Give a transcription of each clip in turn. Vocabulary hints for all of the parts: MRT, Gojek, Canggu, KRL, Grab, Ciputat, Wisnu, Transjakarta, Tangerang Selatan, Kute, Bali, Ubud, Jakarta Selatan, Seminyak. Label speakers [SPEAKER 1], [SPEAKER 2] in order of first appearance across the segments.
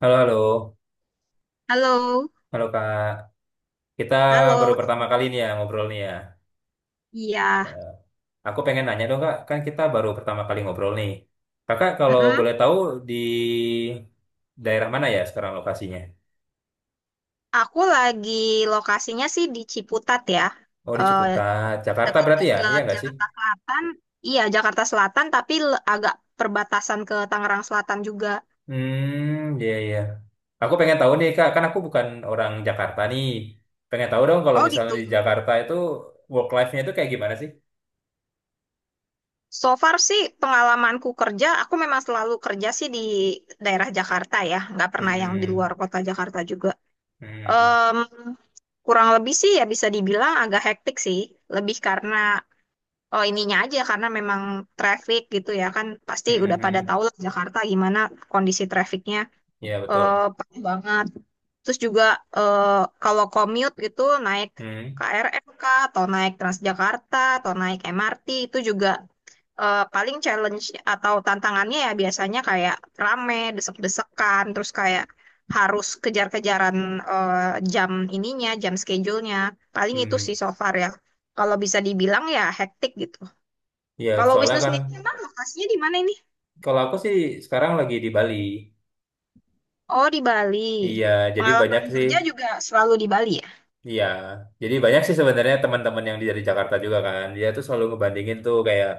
[SPEAKER 1] Halo, halo.
[SPEAKER 2] Halo,
[SPEAKER 1] Halo, Kak. Kita baru
[SPEAKER 2] halo.
[SPEAKER 1] pertama kali nih ya ngobrol nih ya.
[SPEAKER 2] Iya,
[SPEAKER 1] Eh, Aku pengen nanya dong, Kak. Kan kita baru pertama kali ngobrol nih. Kakak kalau
[SPEAKER 2] mm-mm.
[SPEAKER 1] boleh tahu di daerah mana ya sekarang lokasinya?
[SPEAKER 2] Aku lagi Lokasinya sih di Ciputat ya,
[SPEAKER 1] Oh, di
[SPEAKER 2] Eh
[SPEAKER 1] Ciputat, Jakarta berarti ya? Iya
[SPEAKER 2] dekat-dekat
[SPEAKER 1] nggak sih?
[SPEAKER 2] Jakarta Selatan. Iya, Jakarta Selatan, tapi agak perbatasan ke Tangerang Selatan juga.
[SPEAKER 1] Hmm, iya, iya. Aku pengen tahu nih, Kak. Kan aku bukan orang Jakarta nih. Pengen tahu dong kalau
[SPEAKER 2] Oh
[SPEAKER 1] misalnya
[SPEAKER 2] gitu.
[SPEAKER 1] di Jakarta itu work life-nya itu kayak gimana sih?
[SPEAKER 2] So far sih pengalamanku kerja, aku memang selalu kerja sih di daerah Jakarta ya, nggak pernah yang di
[SPEAKER 1] Hmm,
[SPEAKER 2] luar kota Jakarta juga.
[SPEAKER 1] hmm, hmm,
[SPEAKER 2] Em, Kurang lebih sih ya bisa dibilang agak hektik sih, lebih karena Oh ininya aja karena memang traffic gitu ya, kan pasti
[SPEAKER 1] hmm,
[SPEAKER 2] udah
[SPEAKER 1] hmm.
[SPEAKER 2] pada
[SPEAKER 1] Hmm.
[SPEAKER 2] tahu lah Jakarta gimana kondisi trafficnya,
[SPEAKER 1] Iya, betul.
[SPEAKER 2] parah banget. Terus juga eh kalau commute gitu naik
[SPEAKER 1] Hmm.
[SPEAKER 2] KRL kah atau naik Transjakarta atau naik MRT itu juga paling challenge atau tantangannya ya biasanya kayak rame, desek-desekan, terus kayak harus kejar-kejaran, eh, jam ininya, jam schedule-nya. Paling itu sih
[SPEAKER 1] Hmm.
[SPEAKER 2] so far ya. Kalau bisa dibilang ya hektik gitu.
[SPEAKER 1] Iya,
[SPEAKER 2] Kalau
[SPEAKER 1] soalnya
[SPEAKER 2] Wisnu
[SPEAKER 1] kan
[SPEAKER 2] sendiri emang lokasinya di mana ini?
[SPEAKER 1] kalau aku sih sekarang lagi di Bali.
[SPEAKER 2] Oh, di Bali.
[SPEAKER 1] Iya, jadi banyak
[SPEAKER 2] Pengalaman
[SPEAKER 1] sih.
[SPEAKER 2] kerja juga selalu di Bali ya?
[SPEAKER 1] Iya, jadi banyak sih sebenarnya teman-teman yang dari Jakarta juga kan. Dia tuh selalu ngebandingin tuh kayak,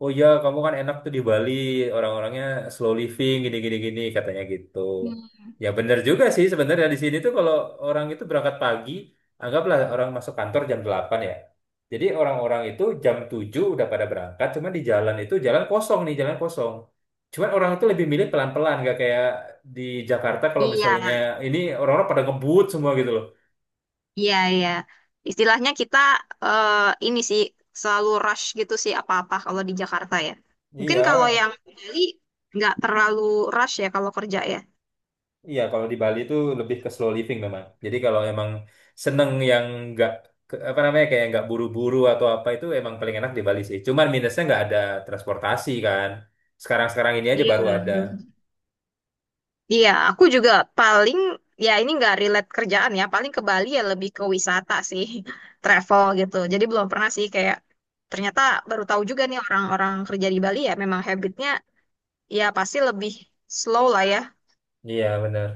[SPEAKER 1] oh ya kamu kan enak tuh di Bali, orang-orangnya slow living gini-gini gini katanya gitu.
[SPEAKER 2] Hmm.
[SPEAKER 1] Ya bener juga sih sebenarnya di sini tuh kalau orang itu berangkat pagi, anggaplah orang masuk kantor jam 8 ya. Jadi orang-orang itu jam 7 udah pada berangkat, cuman di jalan itu jalan kosong nih, jalan kosong. Cuman orang itu lebih milih pelan-pelan, gak kayak di Jakarta kalau
[SPEAKER 2] Iya,
[SPEAKER 1] misalnya ini orang-orang pada ngebut semua gitu loh.
[SPEAKER 2] iya, iya. Istilahnya kita, eh, ini sih, selalu rush gitu sih apa-apa kalau di Jakarta ya. Mungkin
[SPEAKER 1] Iya,
[SPEAKER 2] kalau yang di Bali nggak terlalu rush ya kalau kerja ya.
[SPEAKER 1] iya, kalau di Bali itu lebih ke slow living memang. Jadi kalau emang seneng yang nggak ke- apa namanya kayak nggak buru-buru atau apa itu emang paling enak di Bali sih. Cuman minusnya nggak ada transportasi kan. Sekarang-sekarang ini aja baru
[SPEAKER 2] Iya.
[SPEAKER 1] ada.
[SPEAKER 2] Iya, aku juga paling ya ini nggak relate kerjaan ya, paling ke Bali ya lebih ke wisata sih, travel gitu. Jadi belum pernah sih kayak ternyata baru tahu juga nih orang-orang kerja di Bali ya memang habitnya ya pasti lebih slow lah ya.
[SPEAKER 1] Iya benar.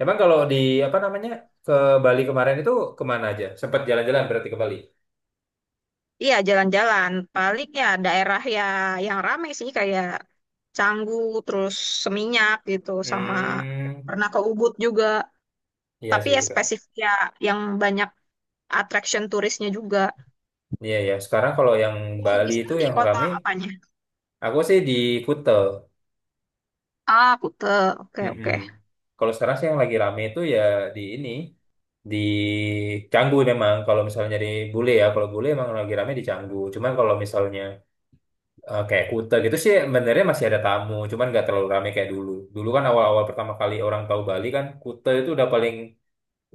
[SPEAKER 1] Emang kalau di apa namanya ke Bali kemarin itu kemana aja? Sempat jalan-jalan berarti ke Bali.
[SPEAKER 2] Iya, jalan-jalan. Paling ya daerah ya yang ramai sih kayak Canggu, terus Seminyak gitu, sama
[SPEAKER 1] Hmm,
[SPEAKER 2] pernah ke Ubud juga.
[SPEAKER 1] iya
[SPEAKER 2] Tapi
[SPEAKER 1] sih
[SPEAKER 2] ya
[SPEAKER 1] sekarang.
[SPEAKER 2] spesifik ya yang banyak attraction turisnya juga.
[SPEAKER 1] Iya ya. Sekarang kalau yang
[SPEAKER 2] Kalau
[SPEAKER 1] Bali
[SPEAKER 2] Wisnu
[SPEAKER 1] itu
[SPEAKER 2] di
[SPEAKER 1] yang
[SPEAKER 2] kota
[SPEAKER 1] rame,
[SPEAKER 2] apanya?
[SPEAKER 1] aku sih di Kuta.
[SPEAKER 2] Ah, Kute. Oke,
[SPEAKER 1] Mm-mm.
[SPEAKER 2] oke.
[SPEAKER 1] Kalau sekarang sih yang lagi rame itu ya di ini. Di Canggu memang kalau misalnya nyari bule ya kalau bule emang lagi rame di Canggu, cuman kalau misalnya kayak Kuta gitu sih sebenarnya masih ada tamu cuman nggak terlalu rame kayak dulu. Dulu kan awal-awal pertama kali orang tahu Bali kan Kuta itu udah paling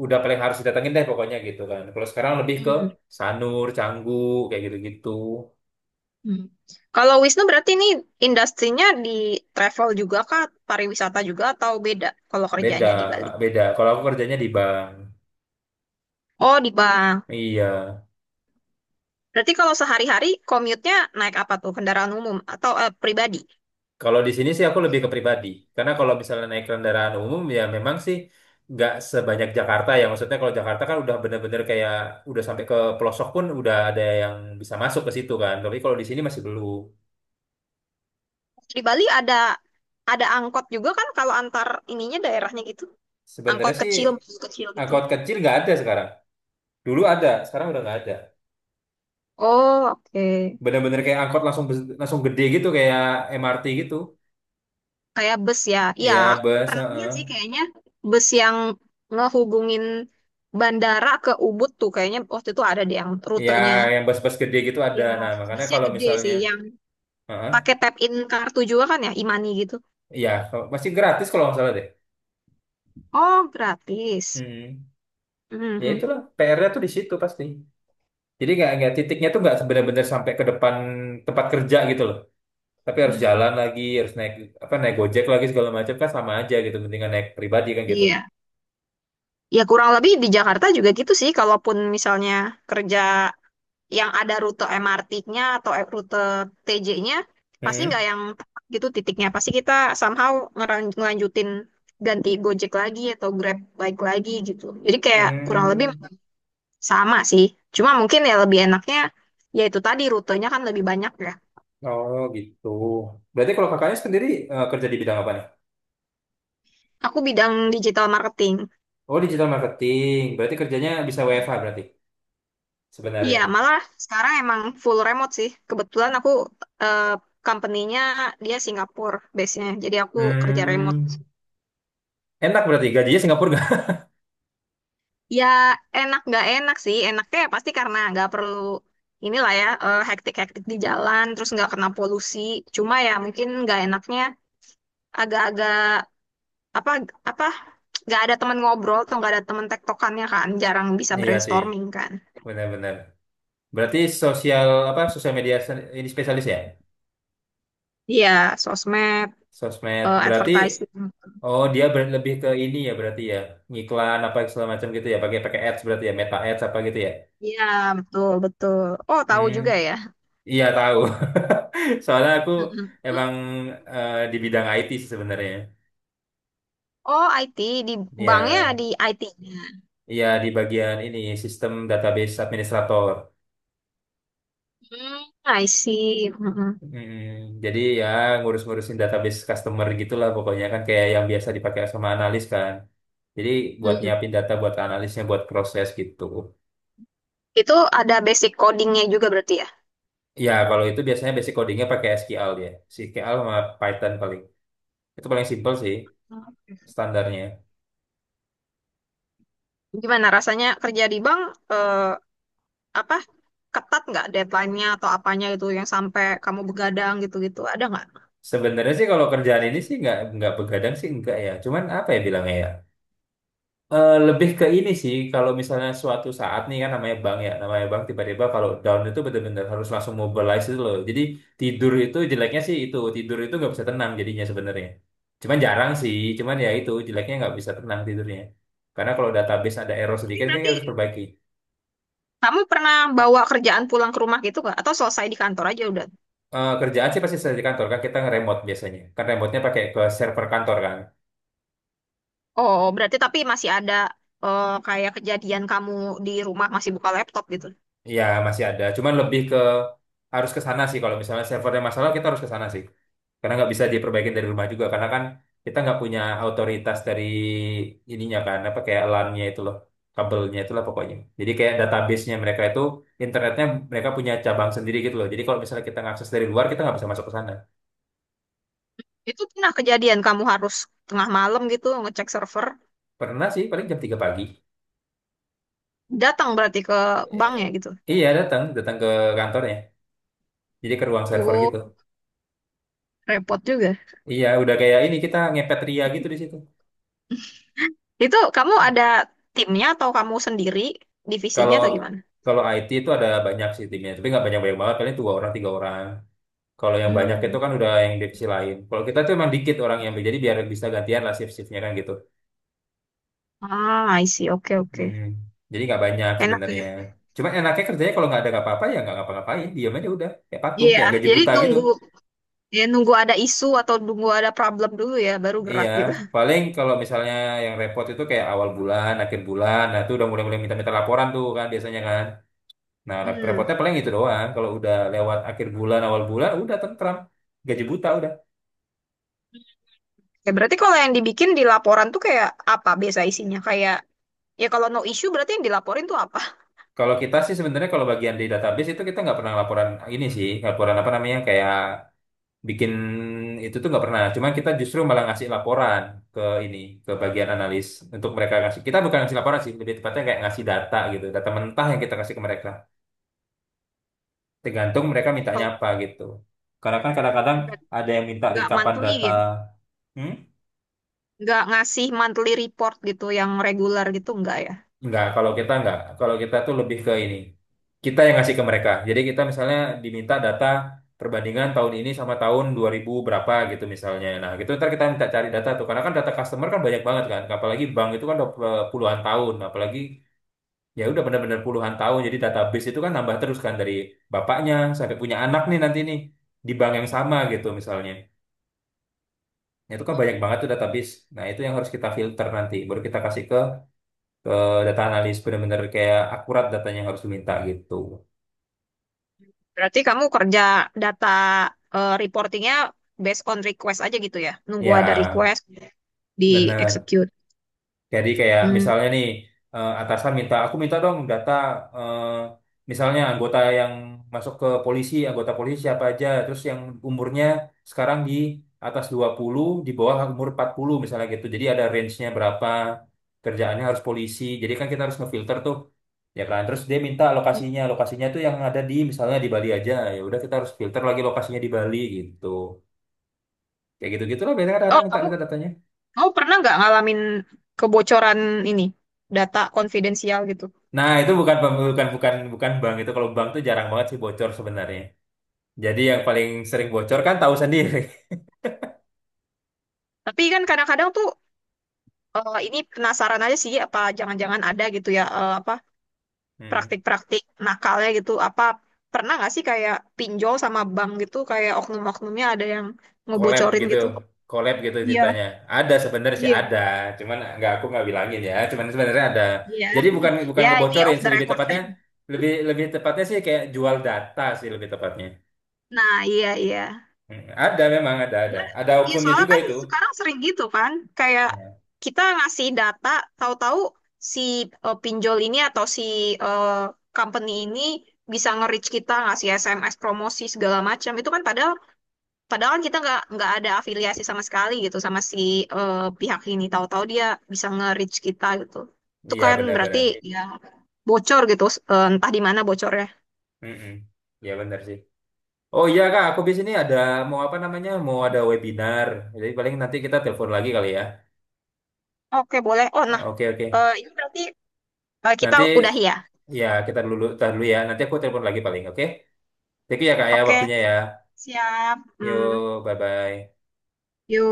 [SPEAKER 1] udah paling harus didatengin deh pokoknya gitu kan. Kalau sekarang lebih ke
[SPEAKER 2] Hmm,
[SPEAKER 1] Sanur, Canggu, kayak gitu-gitu.
[SPEAKER 2] hmm. Kalau Wisnu berarti ini industrinya di travel juga kah, pariwisata juga, atau beda kalau
[SPEAKER 1] beda
[SPEAKER 2] kerjanya di Bali?
[SPEAKER 1] beda kalau aku kerjanya di bank.
[SPEAKER 2] Oh, di bank.
[SPEAKER 1] Iya.
[SPEAKER 2] Berarti kalau sehari-hari commute-nya naik apa tuh? Kendaraan umum atau pribadi?
[SPEAKER 1] Kalau di sini sih aku lebih ke pribadi. Karena kalau misalnya naik kendaraan umum ya memang sih nggak sebanyak Jakarta ya. Maksudnya kalau Jakarta kan udah bener-bener kayak udah sampai ke pelosok pun udah ada yang bisa masuk ke situ kan. Tapi kalau di sini masih belum.
[SPEAKER 2] Di Bali ada angkot juga kan kalau antar ininya daerahnya gitu. Angkot
[SPEAKER 1] Sebenarnya sih
[SPEAKER 2] kecil, bus kecil gitu.
[SPEAKER 1] angkot kecil nggak ada sekarang. Dulu ada, sekarang udah nggak ada.
[SPEAKER 2] Oh, oke.
[SPEAKER 1] Bener-bener kayak angkot langsung langsung gede gitu kayak MRT gitu.
[SPEAKER 2] Kayak bus ya. Iya,
[SPEAKER 1] Ya
[SPEAKER 2] aku
[SPEAKER 1] bus,
[SPEAKER 2] pernah lihat sih
[SPEAKER 1] heeh.
[SPEAKER 2] kayaknya bus yang ngehubungin bandara ke Ubud tuh kayaknya waktu itu ada deh yang
[SPEAKER 1] Ya
[SPEAKER 2] rutenya.
[SPEAKER 1] yang bus-bus gede gitu ada.
[SPEAKER 2] Iya,
[SPEAKER 1] Nah makanya
[SPEAKER 2] busnya
[SPEAKER 1] kalau
[SPEAKER 2] gede
[SPEAKER 1] misalnya,
[SPEAKER 2] sih yang
[SPEAKER 1] heeh,
[SPEAKER 2] pakai tap in kartu juga kan ya, e-money gitu.
[SPEAKER 1] ya kalau masih gratis kalau nggak salah deh.
[SPEAKER 2] Oh, gratis.
[SPEAKER 1] Mm,
[SPEAKER 2] Mm,
[SPEAKER 1] ya
[SPEAKER 2] mm,
[SPEAKER 1] itulah PR-nya tuh di situ pasti. Jadi nggak titiknya tuh nggak sebenar-benar sampai ke depan tempat kerja gitu loh. Tapi harus jalan
[SPEAKER 2] mm.
[SPEAKER 1] lagi, harus naik apa naik Gojek lagi segala macam kan sama aja gitu. Mendingan naik pribadi kan gitu.
[SPEAKER 2] Iya. Ya kurang lebih di Jakarta juga gitu sih kalaupun misalnya kerja yang ada rute MRT-nya atau rute TJ-nya, pasti nggak
[SPEAKER 1] Hmm.
[SPEAKER 2] yang tepat gitu titiknya, pasti kita somehow ngelanjutin ganti Gojek lagi atau Grab bike lagi gitu, jadi kayak kurang lebih
[SPEAKER 1] Hmm.
[SPEAKER 2] sama sih, cuma mungkin ya lebih enaknya ya itu tadi rutenya kan lebih banyak ya.
[SPEAKER 1] Oh gitu. Berarti kalau kakaknya sendiri kerja di bidang apa nih?
[SPEAKER 2] Aku bidang digital marketing.
[SPEAKER 1] Oh digital marketing. Berarti kerjanya bisa WFH berarti
[SPEAKER 2] Iya,
[SPEAKER 1] sebenarnya.
[SPEAKER 2] malah sekarang emang full remote sih, kebetulan aku, eh, company-nya dia Singapura base-nya, jadi aku kerja remote.
[SPEAKER 1] Hmm. Enak berarti gajinya Singapura nggak?
[SPEAKER 2] Ya enak nggak enak sih. Enaknya ya pasti karena nggak perlu inilah ya, hektik-hektik di jalan, terus nggak kena polusi. Cuma ya mungkin nggak enaknya agak-agak, apa apa nggak ada teman ngobrol atau nggak ada teman tektokannya kan, jarang bisa
[SPEAKER 1] Iya sih,
[SPEAKER 2] brainstorming kan.
[SPEAKER 1] benar-benar. Berarti sosial apa sosial media ini spesialis ya?
[SPEAKER 2] Iya, sosmed,
[SPEAKER 1] Sosmed. Berarti
[SPEAKER 2] advertising.
[SPEAKER 1] oh dia lebih ke ini ya berarti ya. Ngiklan apa segala macam gitu ya. Pakai pakai ads berarti ya, meta ads apa gitu ya.
[SPEAKER 2] Iya, betul betul. Oh tahu
[SPEAKER 1] Hmm,
[SPEAKER 2] juga ya.
[SPEAKER 1] iya tahu. Soalnya aku emang di bidang IT sih sebenarnya.
[SPEAKER 2] Oh IT. Di banknya
[SPEAKER 1] Iya,
[SPEAKER 2] di IT-nya.
[SPEAKER 1] iya di bagian ini sistem database administrator.
[SPEAKER 2] Hmm, I see. Mm-mm.
[SPEAKER 1] Mm, jadi ya ngurus-ngurusin database customer gitulah pokoknya kan kayak yang biasa dipakai sama analis kan. Jadi buat
[SPEAKER 2] Mm.
[SPEAKER 1] nyiapin data buat analisnya buat proses gitu.
[SPEAKER 2] Itu ada basic codingnya juga berarti ya.
[SPEAKER 1] Ya, kalau itu biasanya basic codingnya pakai SQL dia. SQL sama Python paling. Itu paling simple sih standarnya.
[SPEAKER 2] Gimana rasanya kerja di bank, eh, apa ketat nggak deadline-nya atau apanya itu yang sampai kamu begadang gitu-gitu ada nggak?
[SPEAKER 1] Sebenarnya sih kalau kerjaan ini sih nggak begadang sih enggak ya. Cuman apa ya bilangnya ya? Lebih ke ini sih kalau misalnya suatu saat nih kan namanya bank ya, namanya bank tiba-tiba kalau down itu benar-benar harus langsung mobilize itu loh. Jadi tidur itu jeleknya sih itu tidur itu nggak bisa tenang jadinya sebenarnya. Cuman jarang sih, cuman ya itu jeleknya nggak bisa tenang tidurnya. Karena kalau database ada error
[SPEAKER 2] Tapi
[SPEAKER 1] sedikit kan kita
[SPEAKER 2] berarti
[SPEAKER 1] harus perbaiki.
[SPEAKER 2] kamu pernah bawa kerjaan pulang ke rumah gitu nggak? Atau selesai di kantor aja udah?
[SPEAKER 1] Kerjaan sih pasti saya di kantor kan kita nge-remote biasanya. Kan remote-nya pakai ke server kantor kan.
[SPEAKER 2] Oh berarti tapi masih ada, kayak kejadian kamu di rumah masih buka laptop gitu?
[SPEAKER 1] Ya masih ada, cuman lebih ke harus ke sana sih kalau misalnya servernya masalah kita harus ke sana sih. Karena nggak bisa diperbaikin dari rumah juga karena kan kita nggak punya otoritas dari ininya kan apa kayak LAN-nya itu loh, kabelnya itulah pokoknya. Jadi kayak database-nya mereka itu internetnya mereka punya cabang sendiri gitu loh. Jadi kalau misalnya kita ngakses dari luar kita nggak bisa masuk ke sana.
[SPEAKER 2] Itu pernah kejadian kamu harus tengah malam gitu ngecek server,
[SPEAKER 1] Pernah sih paling jam 3 pagi.
[SPEAKER 2] datang berarti ke bank
[SPEAKER 1] Eh,
[SPEAKER 2] ya gitu?
[SPEAKER 1] iya datang, datang ke kantornya. Jadi ke ruang server
[SPEAKER 2] Oh
[SPEAKER 1] gitu.
[SPEAKER 2] repot juga.
[SPEAKER 1] Iya, udah kayak ini kita ngepet ria gitu di situ.
[SPEAKER 2] Itu kamu ada timnya atau kamu sendiri divisinya
[SPEAKER 1] Kalau
[SPEAKER 2] atau gimana?
[SPEAKER 1] kalau IT itu ada banyak sih timnya, tapi nggak banyak-banyak banget. Paling 2 orang, 3 orang. Kalau yang banyak
[SPEAKER 2] Hmm.
[SPEAKER 1] itu kan udah yang divisi lain. Kalau kita tuh emang dikit orang yang jadi biar bisa gantian lah shift-shiftnya kan gitu.
[SPEAKER 2] Ah, I see. Oke, oke.
[SPEAKER 1] Mm-mm. Jadi nggak banyak
[SPEAKER 2] Enak
[SPEAKER 1] sebenarnya.
[SPEAKER 2] ya.
[SPEAKER 1] Cuma enaknya kerjanya kalau nggak ada nggak apa-apa ya nggak ngapa-ngapain, diam aja udah kayak patung,
[SPEAKER 2] Iya,
[SPEAKER 1] kayak gaji
[SPEAKER 2] jadi
[SPEAKER 1] buta gitu.
[SPEAKER 2] nunggu, ya nunggu ada isu atau nunggu ada problem dulu ya baru
[SPEAKER 1] Iya,
[SPEAKER 2] gerak gitu.
[SPEAKER 1] paling kalau misalnya yang repot itu kayak awal bulan, akhir bulan, nah itu udah mulai-mulai minta-minta laporan tuh kan biasanya kan. Nah,
[SPEAKER 2] Hmm.
[SPEAKER 1] repotnya paling itu doang. Kalau udah lewat akhir bulan, awal bulan, udah tentram. Gaji buta udah.
[SPEAKER 2] Ya berarti kalau yang dibikin di laporan tuh kayak apa biasa isinya? Kayak ya kalau no issue berarti yang dilaporin tuh apa?
[SPEAKER 1] Kalau kita sih sebenarnya kalau bagian di database itu kita nggak pernah laporan ini sih, laporan apa namanya kayak bikin itu tuh nggak pernah. Cuman kita justru malah ngasih laporan ke ini ke bagian analis untuk mereka ngasih. Kita bukan ngasih laporan sih, lebih tepatnya kayak ngasih data gitu, data mentah yang kita kasih ke mereka. Tergantung mereka mintanya
[SPEAKER 2] Kalau
[SPEAKER 1] apa gitu. Karena kan kadang-kadang
[SPEAKER 2] obat
[SPEAKER 1] ada yang minta
[SPEAKER 2] nggak
[SPEAKER 1] rekapan
[SPEAKER 2] monthly
[SPEAKER 1] data.
[SPEAKER 2] gitu.
[SPEAKER 1] Hmm?
[SPEAKER 2] Nggak ngasih monthly report gitu yang regular gitu enggak ya?
[SPEAKER 1] Enggak, kalau kita tuh lebih ke ini. Kita yang ngasih ke mereka. Jadi kita misalnya diminta data perbandingan tahun ini sama tahun 2000 berapa gitu misalnya. Nah, gitu ntar kita minta cari data tuh. Karena kan data customer kan banyak banget kan. Apalagi bank itu kan udah puluhan tahun. Apalagi ya udah benar-benar puluhan tahun. Jadi database itu kan nambah terus kan dari bapaknya sampai punya anak nih nanti nih di bank yang sama gitu misalnya. Nah, itu kan banyak banget tuh database. Nah, itu yang harus kita filter nanti. Baru kita kasih ke ke data analis benar-benar kayak akurat datanya yang harus diminta gitu.
[SPEAKER 2] Berarti kamu kerja data, reportingnya based on request aja gitu ya? Nunggu ada
[SPEAKER 1] Ya,
[SPEAKER 2] request di
[SPEAKER 1] benar.
[SPEAKER 2] execute.
[SPEAKER 1] Jadi kayak
[SPEAKER 2] Hmm.
[SPEAKER 1] misalnya nih atasan minta aku minta dong data eh, misalnya anggota yang masuk ke polisi, anggota polisi siapa aja, terus yang umurnya sekarang di atas 20, di bawah umur 40 misalnya gitu. Jadi ada range-nya berapa, kerjaannya harus polisi. Jadi kan kita harus ngefilter tuh. Ya kan, terus dia minta lokasinya, lokasinya tuh yang ada di misalnya di Bali aja. Ya udah kita harus filter lagi lokasinya di Bali gitu. Kayak gitu-gitulah biasanya
[SPEAKER 2] Oh,
[SPEAKER 1] kadang-kadang minta
[SPEAKER 2] kamu,
[SPEAKER 1] minta datanya.
[SPEAKER 2] kamu pernah nggak ngalamin kebocoran ini, data konfidensial gitu?
[SPEAKER 1] Nah, itu bukan bukan bukan bukan bank itu. Kalau bank tuh jarang banget sih bocor sebenarnya. Jadi yang paling sering bocor kan tahu sendiri.
[SPEAKER 2] Tapi kan kadang-kadang tuh, ini penasaran aja sih apa jangan-jangan ada gitu ya, apa
[SPEAKER 1] Hmm.
[SPEAKER 2] praktik-praktik nakalnya gitu? Apa pernah nggak sih kayak pinjol sama bank gitu kayak oknum-oknumnya ada yang
[SPEAKER 1] Collab
[SPEAKER 2] ngebocorin
[SPEAKER 1] gitu.
[SPEAKER 2] gitu?
[SPEAKER 1] Collab gitu
[SPEAKER 2] Iya,
[SPEAKER 1] ceritanya. Ada sebenarnya sih
[SPEAKER 2] iya,
[SPEAKER 1] ada, cuman nggak aku nggak bilangin ya. Cuman sebenarnya ada.
[SPEAKER 2] iya.
[SPEAKER 1] Jadi bukan bukan
[SPEAKER 2] Ya, ini
[SPEAKER 1] ngebocorin
[SPEAKER 2] off
[SPEAKER 1] sih
[SPEAKER 2] the
[SPEAKER 1] lebih
[SPEAKER 2] record.
[SPEAKER 1] tepatnya. Lebih lebih tepatnya sih kayak jual data sih lebih tepatnya.
[SPEAKER 2] Nah, iya, iya.
[SPEAKER 1] Hmm. Ada memang ada ada.
[SPEAKER 2] Nah,
[SPEAKER 1] Ada
[SPEAKER 2] iya,
[SPEAKER 1] oknumnya
[SPEAKER 2] soalnya
[SPEAKER 1] juga
[SPEAKER 2] kan
[SPEAKER 1] itu.
[SPEAKER 2] sekarang sering gitu kan, kayak
[SPEAKER 1] Ya.
[SPEAKER 2] kita ngasih data, tahu-tahu si, pinjol ini atau si, eh, company ini bisa nge-reach kita, ngasih SMS promosi segala macam. Itu kan padahal, kan kita nggak, ada afiliasi sama sekali gitu sama si, pihak ini. Tahu-tahu dia bisa nge-reach kita gitu. Itu
[SPEAKER 1] Iya
[SPEAKER 2] kan berarti
[SPEAKER 1] benar-benar.
[SPEAKER 2] ya bocor gitu, entah di mana bocornya.
[SPEAKER 1] Mm-mm. Iya benar sih. Oh iya Kak, aku biasanya ini ada mau apa namanya? Mau ada webinar. Jadi paling nanti kita telepon lagi kali ya.
[SPEAKER 2] Oke, boleh. Oh, nah,
[SPEAKER 1] Oke oke.
[SPEAKER 2] ini berarti, kita
[SPEAKER 1] Nanti
[SPEAKER 2] udah ya.
[SPEAKER 1] ya kita dulu tahan dulu ya. Nanti aku telepon lagi paling oke. Thank you ya Kak ya
[SPEAKER 2] Oke,
[SPEAKER 1] waktunya ya.
[SPEAKER 2] siap. Hmm.
[SPEAKER 1] Yo, bye bye.
[SPEAKER 2] Yuk.